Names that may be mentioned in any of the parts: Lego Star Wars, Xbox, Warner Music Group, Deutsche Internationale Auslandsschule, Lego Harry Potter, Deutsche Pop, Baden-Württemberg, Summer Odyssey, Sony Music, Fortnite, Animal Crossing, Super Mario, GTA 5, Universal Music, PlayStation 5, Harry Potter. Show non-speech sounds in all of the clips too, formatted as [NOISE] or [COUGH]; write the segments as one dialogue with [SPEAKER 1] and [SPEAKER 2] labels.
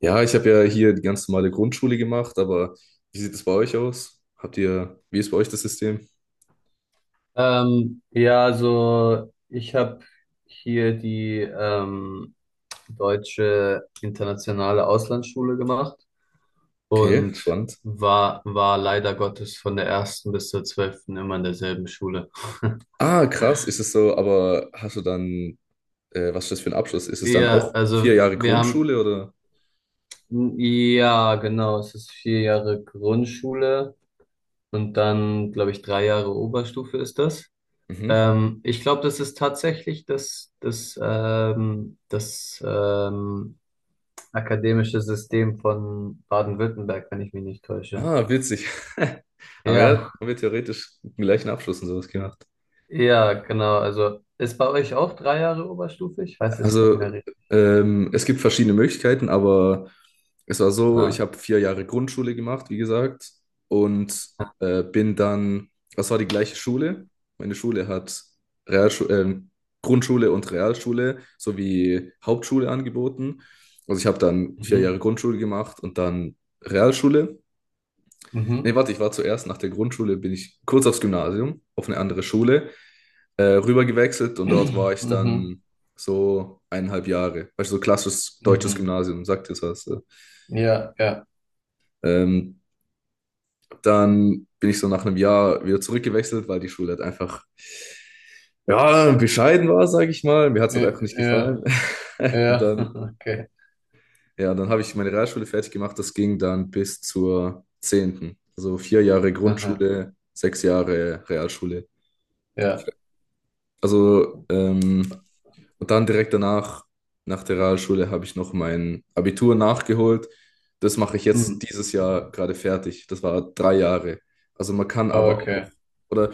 [SPEAKER 1] Ja, ich habe ja hier die ganz normale Grundschule gemacht, aber wie sieht es bei euch aus? Habt ihr, wie ist bei euch das System?
[SPEAKER 2] Ja, also ich habe hier die Deutsche Internationale Auslandsschule gemacht
[SPEAKER 1] Okay,
[SPEAKER 2] und
[SPEAKER 1] spannend.
[SPEAKER 2] war leider Gottes von der ersten bis zur 12. immer in derselben Schule. [LAUGHS]
[SPEAKER 1] Ah, krass, ist es so, aber hast du dann, was ist das für ein Abschluss? Ist es dann
[SPEAKER 2] Wir,
[SPEAKER 1] auch
[SPEAKER 2] also
[SPEAKER 1] vier Jahre
[SPEAKER 2] wir haben,
[SPEAKER 1] Grundschule oder?
[SPEAKER 2] Ja, genau, es ist 4 Jahre Grundschule und dann, glaube ich, 3 Jahre Oberstufe ist das.
[SPEAKER 1] Mhm.
[SPEAKER 2] Ich glaube, das ist tatsächlich das Akademisches System von Baden-Württemberg, wenn ich mich nicht täusche.
[SPEAKER 1] Ah, witzig. [LAUGHS] Aber ja,
[SPEAKER 2] Ja,
[SPEAKER 1] haben wir theoretisch den gleichen Abschluss und sowas gemacht.
[SPEAKER 2] ja, genau. Also ist bei euch auch 3 Jahre Oberstufe? Ich weiß es nicht
[SPEAKER 1] Also,
[SPEAKER 2] mehr, richtig.
[SPEAKER 1] es gibt verschiedene Möglichkeiten, aber es war so, ich
[SPEAKER 2] Ah.
[SPEAKER 1] habe vier Jahre Grundschule gemacht, wie gesagt, und
[SPEAKER 2] Ja.
[SPEAKER 1] äh, bin dann, das war die gleiche Schule. Meine Schule hat Realschu Grundschule und Realschule sowie Hauptschule angeboten. Also ich habe dann vier Jahre
[SPEAKER 2] Mhm.
[SPEAKER 1] Grundschule gemacht und dann Realschule. Nee,
[SPEAKER 2] Mhm.
[SPEAKER 1] warte, ich war zuerst nach der Grundschule, bin ich kurz aufs Gymnasium, auf eine andere Schule, rüber gewechselt und dort war
[SPEAKER 2] [CLEARS THROAT]
[SPEAKER 1] ich
[SPEAKER 2] Mhm.
[SPEAKER 1] dann so eineinhalb Jahre. Weißt du, so klassisches deutsches
[SPEAKER 2] Mhm.
[SPEAKER 1] Gymnasium, sagt jetzt was.
[SPEAKER 2] Ja, ja.
[SPEAKER 1] Ähm, dann bin ich so nach einem Jahr wieder zurückgewechselt, weil die Schule halt einfach, ja, bescheiden war, sage ich mal. Mir hat es
[SPEAKER 2] Ja,
[SPEAKER 1] halt einfach nicht gefallen.
[SPEAKER 2] ja.
[SPEAKER 1] [LAUGHS] Und
[SPEAKER 2] Ja.
[SPEAKER 1] dann,
[SPEAKER 2] [LAUGHS] Okay.
[SPEAKER 1] ja, dann habe ich meine Realschule fertig gemacht. Das ging dann bis zur zehnten. Also vier Jahre
[SPEAKER 2] Aha.
[SPEAKER 1] Grundschule, sechs Jahre Realschule.
[SPEAKER 2] Ja.
[SPEAKER 1] Also, und dann direkt danach, nach der Realschule, habe ich noch mein Abitur nachgeholt. Das mache ich jetzt
[SPEAKER 2] Mhm.
[SPEAKER 1] dieses Jahr gerade fertig. Das war drei Jahre. Also man kann aber auch,
[SPEAKER 2] Okay.
[SPEAKER 1] oder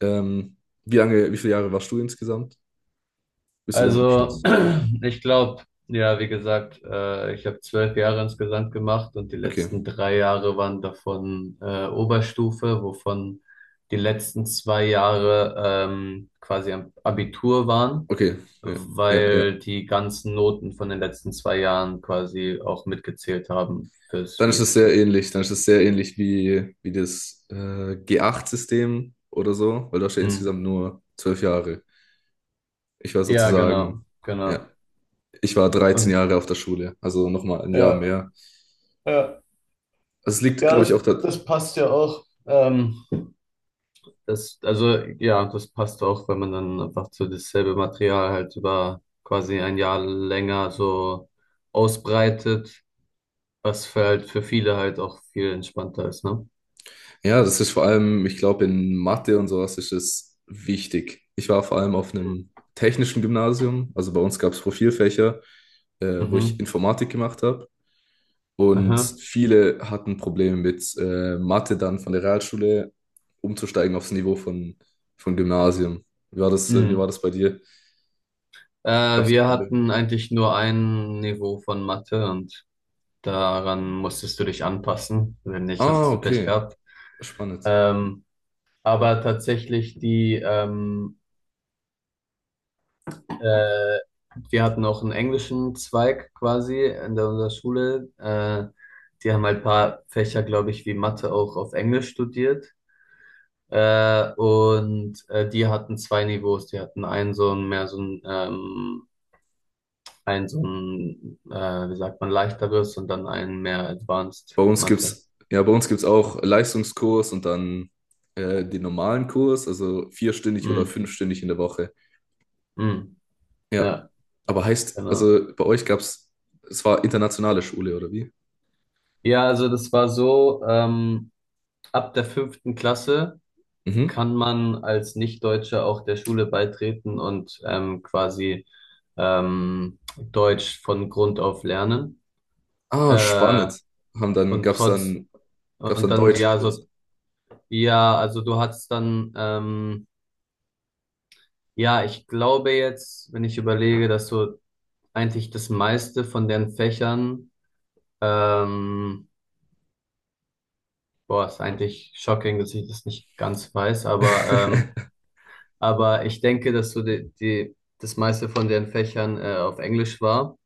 [SPEAKER 1] ähm, wie lange, wie viele Jahre warst du insgesamt? Bis zu deinem
[SPEAKER 2] Also,
[SPEAKER 1] Abschluss?
[SPEAKER 2] [CLEARS THROAT] ich glaube, ja, wie gesagt, ich habe 12 Jahre insgesamt gemacht und die
[SPEAKER 1] Okay,
[SPEAKER 2] letzten 3 Jahre waren davon Oberstufe, wovon die letzten 2 Jahre quasi am Abitur waren,
[SPEAKER 1] okay, ja, ja, ja.
[SPEAKER 2] weil die ganzen Noten von den letzten 2 Jahren quasi auch mitgezählt haben fürs
[SPEAKER 1] Dann ist es
[SPEAKER 2] Üben.
[SPEAKER 1] sehr ähnlich. Dann ist es sehr ähnlich wie, wie das G8-System oder so, weil du hast ja
[SPEAKER 2] Hm.
[SPEAKER 1] insgesamt nur zwölf Jahre. Ich war
[SPEAKER 2] Ja,
[SPEAKER 1] sozusagen,
[SPEAKER 2] genau, genau.
[SPEAKER 1] ja, ich war 13
[SPEAKER 2] Und
[SPEAKER 1] Jahre auf der Schule, also nochmal ein Jahr
[SPEAKER 2] ja,
[SPEAKER 1] mehr.
[SPEAKER 2] ja,
[SPEAKER 1] Also es liegt,
[SPEAKER 2] ja,
[SPEAKER 1] glaube ich, auch
[SPEAKER 2] das,
[SPEAKER 1] da.
[SPEAKER 2] das passt ja auch. Also ja, das passt auch, wenn man dann einfach so dasselbe Material halt über quasi ein Jahr länger so ausbreitet, was für halt für viele halt auch viel entspannter ist, ne?
[SPEAKER 1] Ja, das ist vor allem, ich glaube, in Mathe und sowas ist es wichtig. Ich war vor allem auf einem technischen Gymnasium, also bei uns gab es Profilfächer, wo ich
[SPEAKER 2] Mhm.
[SPEAKER 1] Informatik gemacht habe. Und
[SPEAKER 2] Aha.
[SPEAKER 1] viele hatten Probleme mit Mathe dann von der Realschule umzusteigen aufs Niveau von Gymnasium. Wie war
[SPEAKER 2] Hm.
[SPEAKER 1] das bei dir? Gab es da
[SPEAKER 2] Wir
[SPEAKER 1] Probleme?
[SPEAKER 2] hatten eigentlich nur ein Niveau von Mathe und daran musstest du dich anpassen. Wenn nicht,
[SPEAKER 1] Ah,
[SPEAKER 2] hast du Pech
[SPEAKER 1] okay.
[SPEAKER 2] gehabt.
[SPEAKER 1] Spannend.
[SPEAKER 2] Ähm, aber tatsächlich die Äh, Wir hatten auch einen englischen Zweig quasi in unserer Schule. Die haben halt ein paar Fächer, glaube ich, wie Mathe auch auf Englisch studiert. Und die hatten zwei Niveaus. Die hatten einen so ein mehr so ein so ein, wie sagt man, leichteres und dann einen mehr Advanced
[SPEAKER 1] Bei uns
[SPEAKER 2] Mathe.
[SPEAKER 1] gibt's, ja, bei uns gibt's auch Leistungskurs und dann den normalen Kurs, also vierstündig oder
[SPEAKER 2] Mm,
[SPEAKER 1] fünfstündig in der Woche.
[SPEAKER 2] mm,
[SPEAKER 1] Ja.
[SPEAKER 2] ja,
[SPEAKER 1] Aber heißt,
[SPEAKER 2] genau.
[SPEAKER 1] also bei euch gab's, es war internationale Schule, oder wie?
[SPEAKER 2] Ja, also das war so, ab der fünften Klasse
[SPEAKER 1] Mhm.
[SPEAKER 2] kann man als Nicht-Deutscher auch der Schule beitreten und quasi Deutsch von Grund auf lernen.
[SPEAKER 1] Ah,
[SPEAKER 2] Äh,
[SPEAKER 1] spannend. Haben dann,
[SPEAKER 2] und
[SPEAKER 1] gab's
[SPEAKER 2] trotz,
[SPEAKER 1] dann, gab's
[SPEAKER 2] und
[SPEAKER 1] dann
[SPEAKER 2] dann, ja,
[SPEAKER 1] Deutschkurs.
[SPEAKER 2] so, ja, also du hast dann, ja, ich glaube jetzt, wenn ich überlege, dass so eigentlich das meiste von den Fächern, ähm, boah, ist eigentlich shocking, dass ich das nicht ganz weiß,
[SPEAKER 1] [LAUGHS]
[SPEAKER 2] aber ich denke, dass so das meiste von den Fächern, auf Englisch war.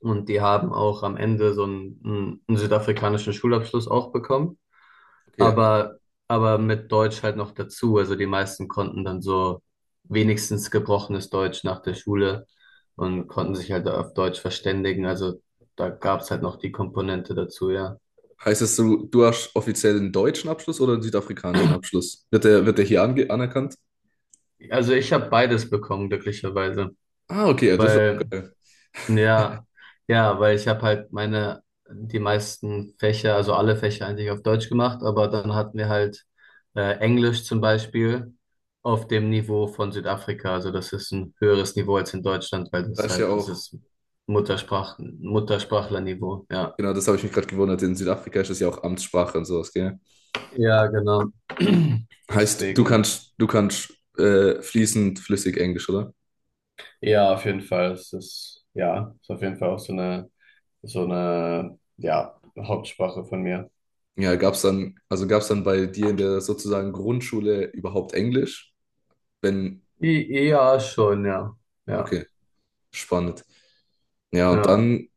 [SPEAKER 2] Und die haben auch am Ende so einen südafrikanischen Schulabschluss auch bekommen,
[SPEAKER 1] Okay.
[SPEAKER 2] aber, aber mit Deutsch halt noch dazu. Also die meisten konnten dann so wenigstens gebrochenes Deutsch nach der Schule und konnten sich halt auf Deutsch verständigen. Also da gab's halt noch die Komponente dazu, ja.
[SPEAKER 1] Heißt es, so? Du hast offiziell einen deutschen Abschluss oder einen südafrikanischen Abschluss? Wird der hier ange anerkannt?
[SPEAKER 2] Also ich habe beides bekommen, glücklicherweise,
[SPEAKER 1] Ah, okay, ja, das ist auch
[SPEAKER 2] weil
[SPEAKER 1] geil.
[SPEAKER 2] Ja, ja, weil ich habe halt die meisten Fächer, also alle Fächer eigentlich auf Deutsch gemacht, aber dann hatten wir halt Englisch zum Beispiel auf dem Niveau von Südafrika. Also das ist ein höheres Niveau als in Deutschland, weil
[SPEAKER 1] Da
[SPEAKER 2] das
[SPEAKER 1] ist ja
[SPEAKER 2] halt, das
[SPEAKER 1] auch,
[SPEAKER 2] ist Muttersprachlerniveau, ja.
[SPEAKER 1] genau, das habe ich mich gerade gewundert. In Südafrika ist das ja auch Amtssprache und sowas, gell?
[SPEAKER 2] Ja, genau. [CLEARS THROAT]
[SPEAKER 1] Heißt,
[SPEAKER 2] Deswegen,
[SPEAKER 1] du kannst fließend flüssig Englisch, oder?
[SPEAKER 2] ja, auf jeden Fall, es ist auf jeden Fall auch so eine, ja, Hauptsprache von mir.
[SPEAKER 1] Ja, gab's dann, also gab's dann bei dir in der sozusagen Grundschule überhaupt Englisch? Wenn,
[SPEAKER 2] Ja, schon, ja, ja.
[SPEAKER 1] okay, spannend. Ja, und
[SPEAKER 2] Ja,
[SPEAKER 1] dann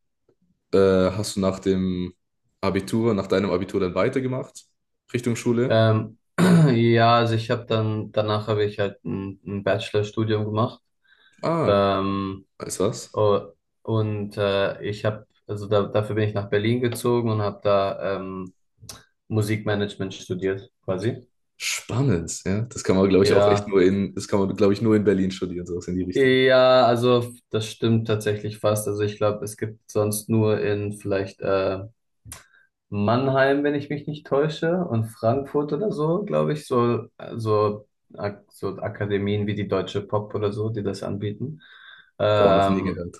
[SPEAKER 1] hast du nach dem Abitur, nach deinem Abitur dann weitergemacht, Richtung Schule.
[SPEAKER 2] ähm, [CLEARS THROAT] ja, also ich habe dann, danach habe ich halt ein Bachelorstudium gemacht.
[SPEAKER 1] Ah,
[SPEAKER 2] Ähm,
[SPEAKER 1] weißt du was?
[SPEAKER 2] o- und ich habe, also da, dafür bin ich nach Berlin gezogen und habe da Musikmanagement studiert, quasi.
[SPEAKER 1] Spannend, ja. Das kann man, glaube ich, auch echt
[SPEAKER 2] Ja,
[SPEAKER 1] nur in, das kann man, glaube ich, nur in Berlin studieren, sowas in die Richtung.
[SPEAKER 2] ja, also das stimmt tatsächlich fast. Also ich glaube, es gibt sonst nur in vielleicht Mannheim, wenn ich mich nicht täusche, und Frankfurt oder so, glaube ich, so, so Akademien wie die Deutsche Pop oder so, die das anbieten.
[SPEAKER 1] Boah, noch nie
[SPEAKER 2] Ähm,
[SPEAKER 1] gehört.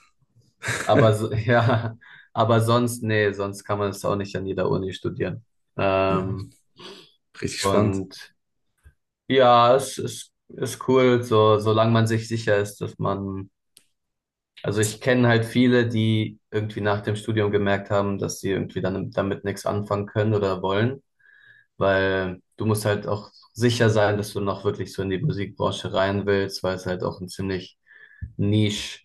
[SPEAKER 2] aber
[SPEAKER 1] [LAUGHS]
[SPEAKER 2] so, [LAUGHS] ja, aber sonst, nee, sonst kann man es auch nicht an jeder Uni studieren.
[SPEAKER 1] Ja,
[SPEAKER 2] Ähm,
[SPEAKER 1] richtig spannend.
[SPEAKER 2] und ja, es ist cool, so, solange man sich sicher ist, dass man, also ich kenne halt viele, die irgendwie nach dem Studium gemerkt haben, dass sie irgendwie dann damit nichts anfangen können oder wollen. Weil du musst halt auch sicher sein, dass du noch wirklich so in die Musikbranche rein willst, weil es halt auch ein ziemlich Niche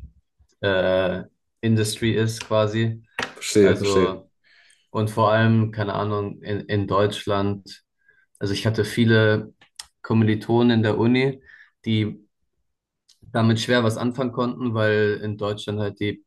[SPEAKER 2] äh, Industry ist quasi.
[SPEAKER 1] Verstehe, verstehe.
[SPEAKER 2] Also, und vor allem, keine Ahnung, in Deutschland, also ich hatte viele Kommilitonen in der Uni, die damit schwer was anfangen konnten, weil in Deutschland halt die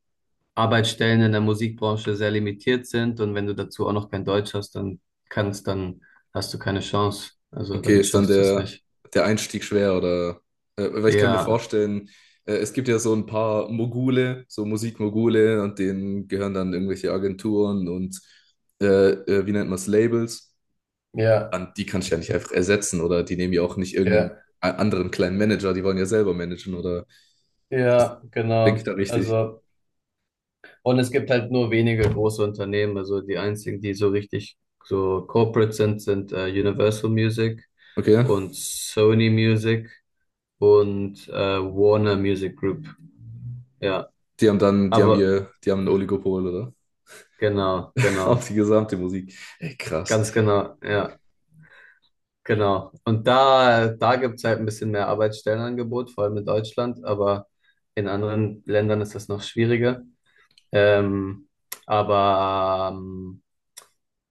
[SPEAKER 2] Arbeitsstellen in der Musikbranche sehr limitiert sind und wenn du dazu auch noch kein Deutsch hast, dann hast du keine Chance. Also
[SPEAKER 1] Okay,
[SPEAKER 2] dann
[SPEAKER 1] ist dann
[SPEAKER 2] schaffst du es
[SPEAKER 1] der,
[SPEAKER 2] nicht.
[SPEAKER 1] der Einstieg schwer oder? Weil ich kann mir
[SPEAKER 2] Ja,
[SPEAKER 1] vorstellen, es gibt ja so ein paar Mogule, so Musikmogule und denen gehören dann irgendwelche Agenturen und äh, wie nennt man es, Labels.
[SPEAKER 2] ja,
[SPEAKER 1] An die kannst du ja nicht einfach ersetzen oder die nehmen ja auch nicht irgendeinen
[SPEAKER 2] ja,
[SPEAKER 1] anderen kleinen Manager, die wollen ja selber managen oder
[SPEAKER 2] ja,
[SPEAKER 1] denke ich
[SPEAKER 2] genau.
[SPEAKER 1] da richtig?
[SPEAKER 2] Also, und es gibt halt nur wenige große Unternehmen. Also die einzigen, die so richtig so corporate sind, sind Universal Music
[SPEAKER 1] Okay,
[SPEAKER 2] und Sony Music und Warner Music Group. Ja,
[SPEAKER 1] die haben dann, die haben
[SPEAKER 2] aber
[SPEAKER 1] ihr, die haben ein Oligopol oder?
[SPEAKER 2] genau,
[SPEAKER 1] [LAUGHS]
[SPEAKER 2] genau,
[SPEAKER 1] Auf die gesamte Musik. Ey, krass.
[SPEAKER 2] ganz genau, ja. Genau. Und da gibt es halt ein bisschen mehr Arbeitsstellenangebot, vor allem in Deutschland, aber in anderen Ländern ist das noch schwieriger. Ähm, aber, ähm,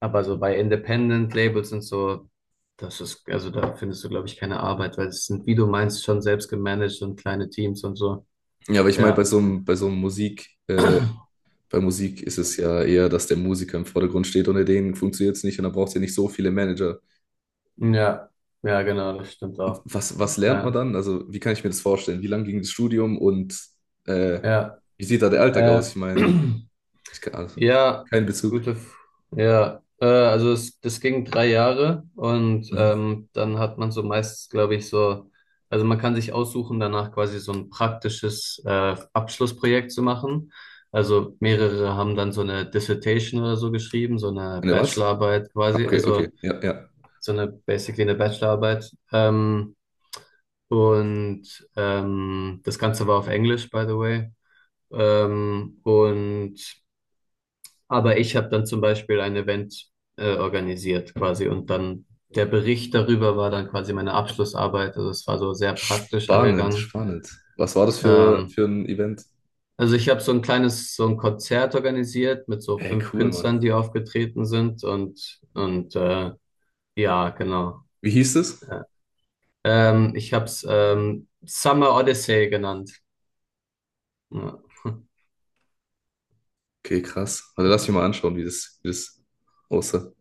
[SPEAKER 2] aber so bei Independent Labels und so, das ist, also da findest du, glaube ich, keine Arbeit, weil es sind, wie du meinst, schon selbst gemanagt und kleine Teams und so.
[SPEAKER 1] Ja, aber ich meine,
[SPEAKER 2] Ja.
[SPEAKER 1] bei so einem Musik bei Musik ist es ja eher, dass der Musiker im Vordergrund steht. Ohne den funktioniert es nicht und dann braucht es ja nicht so viele Manager.
[SPEAKER 2] Ja. Ja, genau, das stimmt
[SPEAKER 1] Und
[SPEAKER 2] auch.
[SPEAKER 1] was, was lernt man
[SPEAKER 2] Ja.
[SPEAKER 1] dann? Also, wie kann ich mir das vorstellen? Wie lang ging das Studium und äh,
[SPEAKER 2] Ja.
[SPEAKER 1] wie sieht da der Alltag aus?
[SPEAKER 2] Äh.
[SPEAKER 1] Ich meine,
[SPEAKER 2] [CLEARS THROAT]
[SPEAKER 1] ich kann, also,
[SPEAKER 2] Ja,
[SPEAKER 1] kein Bezug.
[SPEAKER 2] gute, F ja, also es, das ging 3 Jahre und
[SPEAKER 1] Mhm.
[SPEAKER 2] dann hat man so meistens, glaube ich, so, also man kann sich aussuchen, danach quasi so ein praktisches Abschlussprojekt zu machen. Also mehrere haben dann so eine Dissertation oder so geschrieben, so eine
[SPEAKER 1] Eine was?
[SPEAKER 2] Bachelorarbeit
[SPEAKER 1] Ah,
[SPEAKER 2] quasi,
[SPEAKER 1] okay, okay,
[SPEAKER 2] also
[SPEAKER 1] ja, ja.
[SPEAKER 2] so eine basically eine Bachelorarbeit. Und das Ganze war auf Englisch, by the way. Ähm, und aber ich habe dann zum Beispiel ein Event organisiert quasi und dann der Bericht darüber war dann quasi meine Abschlussarbeit. Also es war so sehr praktisch
[SPEAKER 1] Spannend,
[SPEAKER 2] angegangen.
[SPEAKER 1] spannend. Was war das
[SPEAKER 2] Ähm,
[SPEAKER 1] für ein Event?
[SPEAKER 2] also ich habe so ein kleines, so ein Konzert organisiert mit so
[SPEAKER 1] Hey,
[SPEAKER 2] fünf
[SPEAKER 1] cool, Mann.
[SPEAKER 2] Künstlern, die aufgetreten sind und ja, genau.
[SPEAKER 1] Wie hieß es?
[SPEAKER 2] Ja. Ich habe es Summer Odyssey genannt. Ja.
[SPEAKER 1] Okay, krass. Also lass mich mal anschauen, wie das aussah.